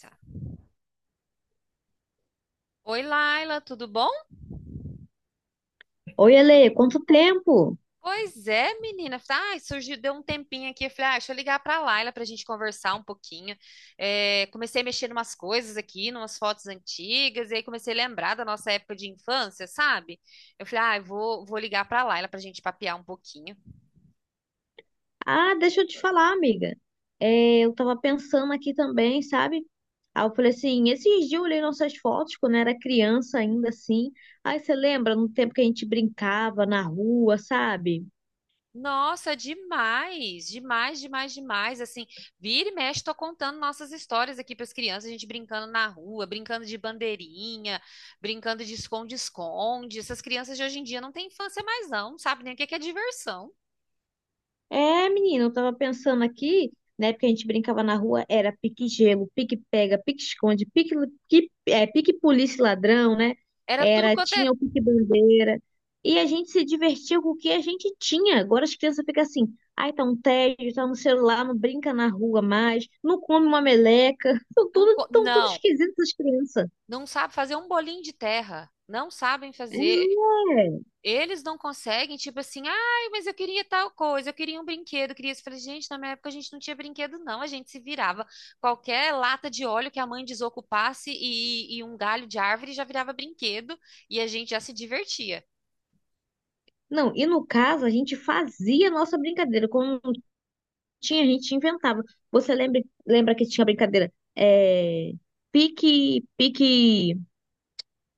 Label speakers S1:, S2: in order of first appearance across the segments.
S1: Tá. Oi, Laila, tudo bom?
S2: Oi, Ale, quanto tempo?
S1: Pois é, menina. Ai, surgiu, deu um tempinho aqui. Eu falei, ah, deixa eu ligar pra Laila pra gente conversar um pouquinho. É, comecei a mexer em umas coisas aqui, numas fotos antigas, e aí comecei a lembrar da nossa época de infância, sabe? Eu falei, ah, eu vou ligar pra Laila pra gente papear um pouquinho.
S2: Ah, deixa eu te falar, amiga. É, eu tava pensando aqui também, sabe? Aí eu falei assim, esses dias eu olhei nossas fotos quando era criança ainda assim. Aí você lembra no tempo que a gente brincava na rua, sabe?
S1: Nossa, demais, demais, demais, demais. Assim, vira e mexe, tô contando nossas histórias aqui para as crianças, a gente brincando na rua, brincando de bandeirinha, brincando de esconde-esconde. Essas crianças de hoje em dia não têm infância mais, não, não sabe nem o que que é diversão.
S2: É, menino, eu tava pensando aqui, né? Porque a gente brincava na rua, era pique-gelo, pique-pega, pique-esconde, pique-polícia e ladrão, né?
S1: Era tudo
S2: Era,
S1: quanto é.
S2: tinha o pique-bandeira. E a gente se divertia com o que a gente tinha. Agora as crianças ficam assim, ai, tá um tédio, tá no celular, não brinca na rua mais, não come uma meleca. Estão tudo, tão tudo
S1: Não,
S2: esquisitas as crianças.
S1: não sabe fazer um bolinho de terra. Não sabem
S2: É.
S1: fazer. Eles não conseguem, tipo assim, ai, mas eu queria tal coisa, eu queria um brinquedo, eu queria isso. Eu falei, gente, na minha época a gente não tinha brinquedo, não, a gente se virava. Qualquer lata de óleo que a mãe desocupasse e um galho de árvore já virava brinquedo e a gente já se divertia.
S2: Não, e no caso, a gente fazia a nossa brincadeira. Quando Tinha, a gente inventava. Você lembra que tinha brincadeira? É, pique.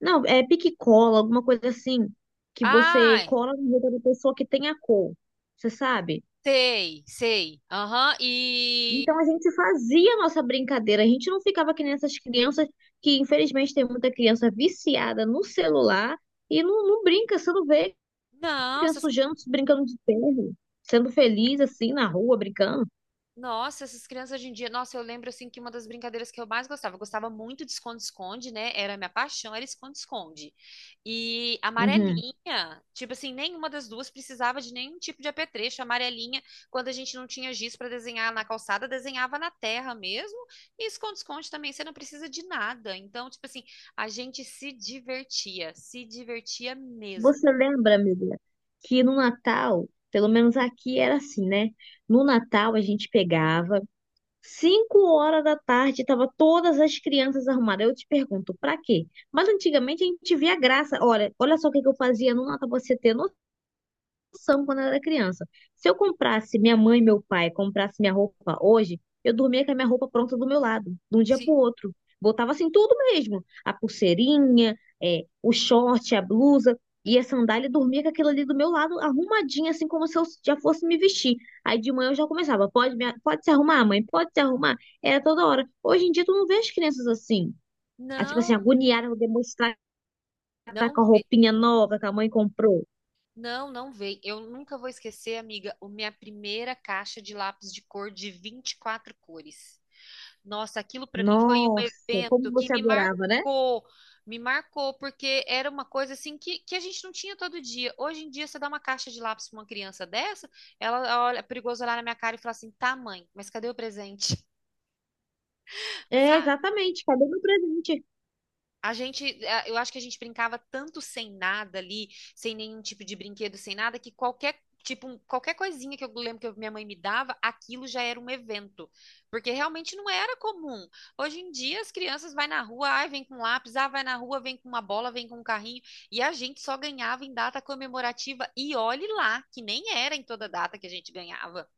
S2: Não, é pique e cola, alguma coisa assim. Que você
S1: Ai,
S2: cola no roupa da pessoa que tem a cor. Você sabe?
S1: sei, sei, aham, e.
S2: Então a gente fazia a nossa brincadeira. A gente não ficava que nem essas crianças, que infelizmente tem muita criança viciada no celular e não brinca. Você não vê
S1: Não.
S2: criança
S1: essas
S2: sujando, brincando de terra, sendo feliz assim na rua, brincando.
S1: Nossa, essas crianças hoje em dia, nossa, eu lembro assim que uma das brincadeiras que eu mais gostava, eu gostava muito de esconde-esconde, né? Era a minha paixão, era esconde-esconde. E
S2: Uhum.
S1: amarelinha, tipo assim, nenhuma das duas precisava de nenhum tipo de apetrecho. Amarelinha, quando a gente não tinha giz para desenhar na calçada, desenhava na terra mesmo. E esconde-esconde também, você não precisa de nada. Então, tipo assim, a gente se divertia, se divertia mesmo.
S2: Você lembra, amiga, que no Natal, pelo menos aqui era assim, né? No Natal a gente pegava, 5 horas da tarde, tava todas as crianças arrumadas. Eu te pergunto, pra quê? Mas antigamente a gente via graça. Olha, olha só o que que eu fazia no Natal, pra você ter noção quando eu era criança. Se eu comprasse, minha mãe e meu pai comprasse minha roupa hoje, eu dormia com a minha roupa pronta do meu lado, de um dia pro
S1: Se...
S2: outro. Botava assim tudo mesmo, a pulseirinha, é, o short, a blusa e a sandália, e dormia com aquilo ali do meu lado, arrumadinha, assim como se eu já fosse me vestir. Aí de manhã eu já começava, pode se arrumar, mãe, pode se arrumar. Era toda hora. Hoje em dia tu não vê as crianças assim, ah, tipo assim,
S1: Não,
S2: agoniadas, vou demonstrar que tá
S1: não.
S2: com a roupinha nova que a mãe comprou.
S1: Não, não veio. Eu nunca vou esquecer, amiga, a minha primeira caixa de lápis de cor de 24 cores. Nossa, aquilo para mim foi um
S2: Nossa,
S1: evento
S2: como
S1: que
S2: você
S1: me
S2: adorava, né?
S1: marcou. Me marcou, porque era uma coisa assim que a gente não tinha todo dia. Hoje em dia, você dá uma caixa de lápis para uma criança dessa, ela olha, é perigoso olhar na minha cara e falar assim: tá, mãe, mas cadê o presente?
S2: É,
S1: Sabe?
S2: exatamente, cadê meu presente?
S1: A gente, eu acho que a gente brincava tanto sem nada ali, sem nenhum tipo de brinquedo, sem nada, que qualquer tipo, qualquer coisinha que eu lembro que minha mãe me dava, aquilo já era um evento, porque realmente não era comum. Hoje em dia as crianças vai na rua, ai, vem com lápis, ah, vai na rua, vem com uma bola, vem com um carrinho, e a gente só ganhava em data comemorativa e olhe lá, que nem era em toda data que a gente ganhava.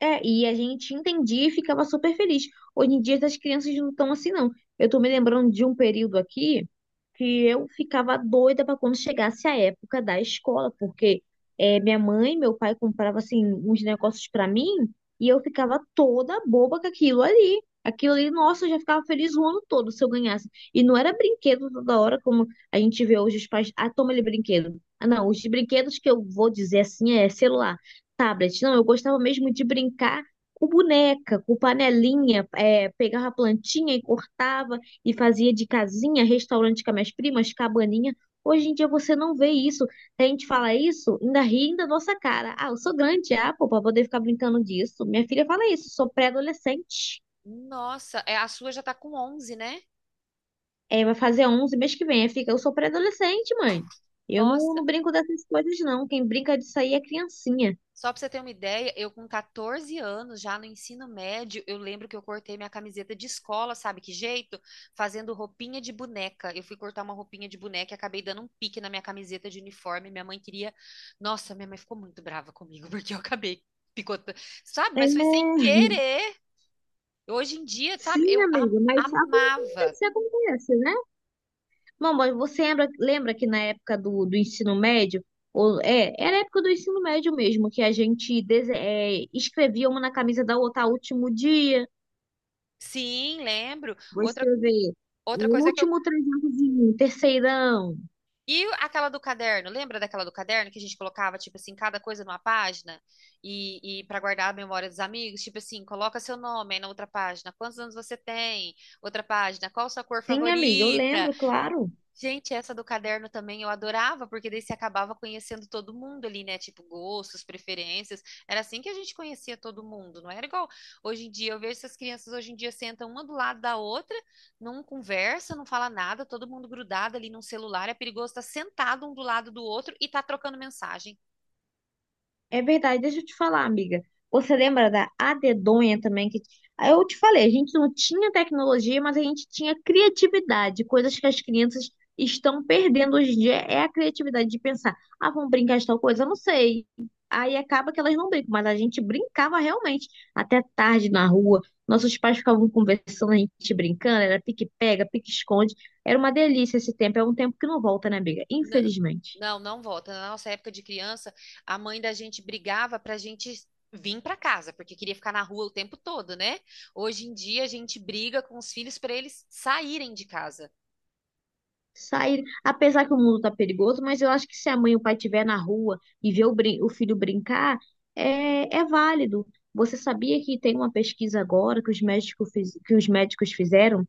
S2: É, e a gente entendia e ficava super feliz. Hoje em dia as crianças não estão assim, não. Eu tô me lembrando de um período aqui que eu ficava doida para quando chegasse a época da escola, porque é, minha mãe e meu pai compravam assim uns negócios para mim e eu ficava toda boba com aquilo ali. Aquilo ali, nossa, eu já ficava feliz o ano todo se eu ganhasse. E não era brinquedo toda hora, como a gente vê hoje os pais. Ah, toma ele brinquedo. Ah, não, os brinquedos que eu vou dizer assim é celular, tablet. Não, eu gostava mesmo de brincar com boneca, com panelinha, é, pegava a plantinha e cortava e fazia de casinha, restaurante com as minhas primas, cabaninha. Hoje em dia você não vê isso. A gente fala isso, ainda ri da nossa cara. Ah, eu sou grande, ah, pô, pra poder ficar brincando disso. Minha filha fala isso, sou pré-adolescente.
S1: Nossa, é, a sua já tá com 11, né?
S2: É, vai fazer 11 mês que vem. Aí fica, eu sou pré-adolescente, mãe. Eu não,
S1: Nossa,
S2: não brinco dessas coisas, não. Quem brinca disso aí é criancinha.
S1: só pra você ter uma ideia, eu com 14 anos, já no ensino médio, eu lembro que eu cortei minha camiseta de escola, sabe que jeito? Fazendo roupinha de boneca. Eu fui cortar uma roupinha de boneca e acabei dando um pique na minha camiseta de uniforme. Minha mãe queria. Nossa, minha mãe ficou muito brava comigo, porque eu acabei picotando. Sabe?
S2: É,
S1: Mas foi sem querer. Hoje em dia, sabe?
S2: sim,
S1: Eu
S2: amigo, mas
S1: amava.
S2: acontece, acontece, né? Mamãe, você lembra que na época do ensino médio, ou, é, era a época do ensino médio mesmo, que a gente escrevia uma na camisa da outra, "Ah, último dia,
S1: Sim, lembro.
S2: vou
S1: Outra,
S2: escrever,
S1: outra coisa que eu
S2: último trezentozinho, terceirão."
S1: E aquela do caderno, lembra daquela do caderno que a gente colocava, tipo assim, cada coisa numa página e para guardar a memória dos amigos, tipo assim, coloca seu nome aí na outra página, quantos anos você tem? Outra página, qual sua cor
S2: Sim, amiga, eu
S1: favorita?
S2: lembro, claro.
S1: Gente, essa do caderno também eu adorava, porque daí você acabava conhecendo todo mundo ali, né? Tipo, gostos, preferências. Era assim que a gente conhecia todo mundo, não era igual hoje em dia. Eu vejo essas crianças hoje em dia sentam uma do lado da outra, não conversa, não fala nada, todo mundo grudado ali num celular, é perigoso estar sentado um do lado do outro e tá trocando mensagem.
S2: É verdade, deixa eu te falar, amiga. Você lembra da adedonha também, que, ah, eu te falei, a gente não tinha tecnologia, mas a gente tinha criatividade. Coisas que as crianças estão perdendo hoje em dia é a criatividade de pensar, ah, vamos brincar de tal coisa. Eu não sei. Aí acaba que elas não brincam, mas a gente brincava realmente até tarde na rua. Nossos pais ficavam conversando, a gente brincando, era pique-pega, pique-esconde. Era uma delícia esse tempo, é um tempo que não volta, né, amiga?
S1: N-
S2: Infelizmente.
S1: Não, não volta. Na nossa época de criança, a mãe da gente brigava pra gente vir pra casa, porque queria ficar na rua o tempo todo, né? Hoje em dia a gente briga com os filhos pra eles saírem de casa.
S2: Sair, apesar que o mundo tá perigoso, mas eu acho que se a mãe e o pai estiver na rua e ver o filho brincar, é válido. Você sabia que tem uma pesquisa agora que os médicos, que os médicos fizeram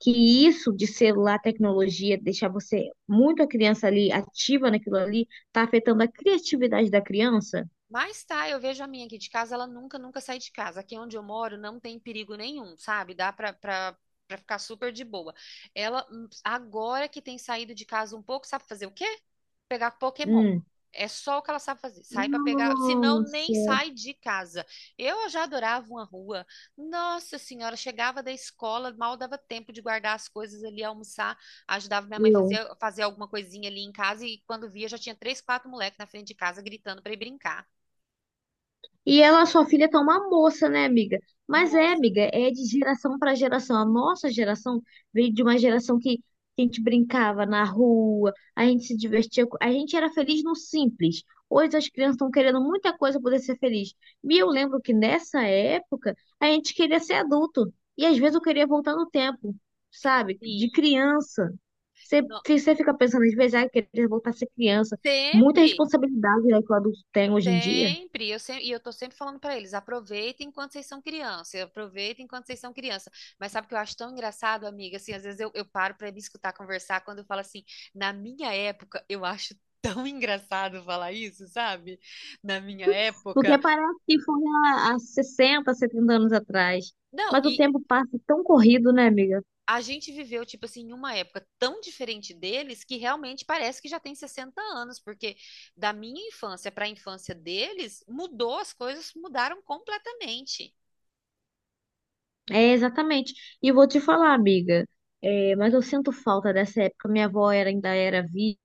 S2: que isso de celular, tecnologia, deixar você muito a criança ali ativa naquilo ali, tá afetando a criatividade da criança?
S1: Mas tá, eu vejo a minha aqui de casa, ela nunca, nunca sai de casa. Aqui onde eu moro não tem perigo nenhum, sabe? Dá pra ficar super de boa. Ela, agora que tem saído de casa um pouco, sabe fazer o quê? Pegar Pokémon.
S2: Hum.
S1: É só o que ela sabe fazer. Sai pra pegar, senão nem
S2: Nossa.
S1: sai de casa. Eu já adorava uma rua. Nossa senhora, chegava da escola, mal dava tempo de guardar as coisas ali, almoçar, ajudava minha mãe a
S2: Eu
S1: fazer alguma coisinha ali em casa e quando via já tinha três, quatro moleques na frente de casa gritando pra ir brincar.
S2: E ela, sua filha, tá uma moça, né, amiga? Mas é,
S1: Moça,
S2: amiga, é de geração para geração. A nossa geração veio de uma geração que a gente brincava na rua, a gente se divertia, a gente era feliz no simples. Hoje as crianças estão querendo muita coisa para poder ser feliz. E eu lembro que nessa época a gente queria ser adulto. E às vezes eu queria voltar no tempo, sabe?
S1: sim.
S2: De criança.
S1: No-
S2: Você fica pensando, às vezes, ah, eu queria voltar a ser criança. Muita
S1: Sempre,
S2: responsabilidade, né, que o adulto tem hoje em dia.
S1: sempre. E eu tô sempre falando pra eles, aproveitem enquanto vocês são criança, aproveitem enquanto vocês são criança. Mas sabe o que eu acho tão engraçado, amiga? Assim, às vezes eu paro pra me escutar conversar quando eu falo assim, na minha época, eu acho tão engraçado falar isso, sabe? Na minha época.
S2: Porque parece que foi há 60, 70 anos atrás.
S1: Não,
S2: Mas o
S1: e
S2: tempo passa tão corrido, né, amiga?
S1: a gente viveu, tipo assim, em uma época tão diferente deles que realmente parece que já tem 60 anos, porque da minha infância para a infância deles, mudou, as coisas mudaram completamente.
S2: É, exatamente. E vou te falar, amiga, é, mas eu sinto falta dessa época. Minha avó ainda era viva.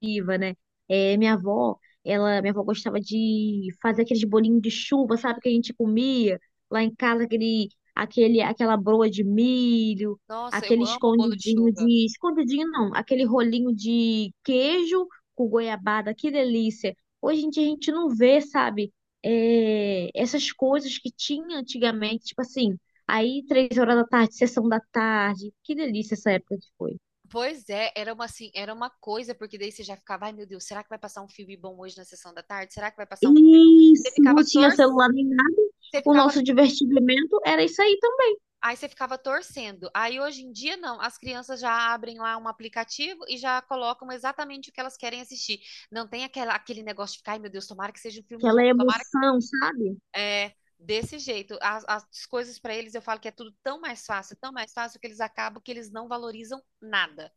S2: Criativa, né? É, minha avó gostava de fazer aqueles bolinhos de chuva, sabe, que a gente comia lá em casa, aquele, aquela broa de milho,
S1: Nossa, eu
S2: aquele
S1: amo o bolo de
S2: escondidinho
S1: chuva.
S2: de, escondidinho não, aquele rolinho de queijo com goiabada, que delícia. Hoje em dia a gente não vê, sabe, é, essas coisas que tinha antigamente, tipo assim, aí, 3 horas da tarde, sessão da tarde. Que delícia essa época que foi.
S1: Pois é, era uma coisa, porque daí você já ficava, ai meu Deus, será que vai passar um filme bom hoje na sessão da tarde? Será que vai passar um filme bom? Você
S2: Isso, não
S1: ficava
S2: tinha
S1: torcendo,
S2: celular nem nada.
S1: você
S2: O
S1: ficava
S2: nosso divertimento era isso aí também,
S1: aí você ficava torcendo. Aí hoje em dia, não. As crianças já abrem lá um aplicativo e já colocam exatamente o que elas querem assistir. Não tem aquele negócio de ficar, ai meu Deus, tomara que seja um filme bom.
S2: aquela
S1: Tomara que.
S2: emoção, sabe?
S1: É, desse jeito. As coisas para eles, eu falo que é tudo tão mais fácil, que eles acabam que eles não valorizam nada.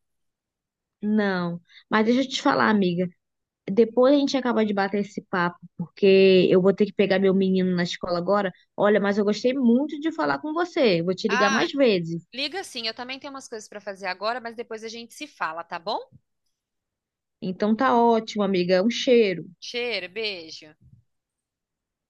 S2: Não, mas deixa eu te falar, amiga. Depois a gente acaba de bater esse papo, porque eu vou ter que pegar meu menino na escola agora. Olha, mas eu gostei muito de falar com você. Vou te ligar
S1: Ah,
S2: mais vezes.
S1: liga sim, eu também tenho umas coisas para fazer agora, mas depois a gente se fala, tá bom?
S2: Então tá ótimo, amiga. Um cheiro.
S1: Cheiro, beijo.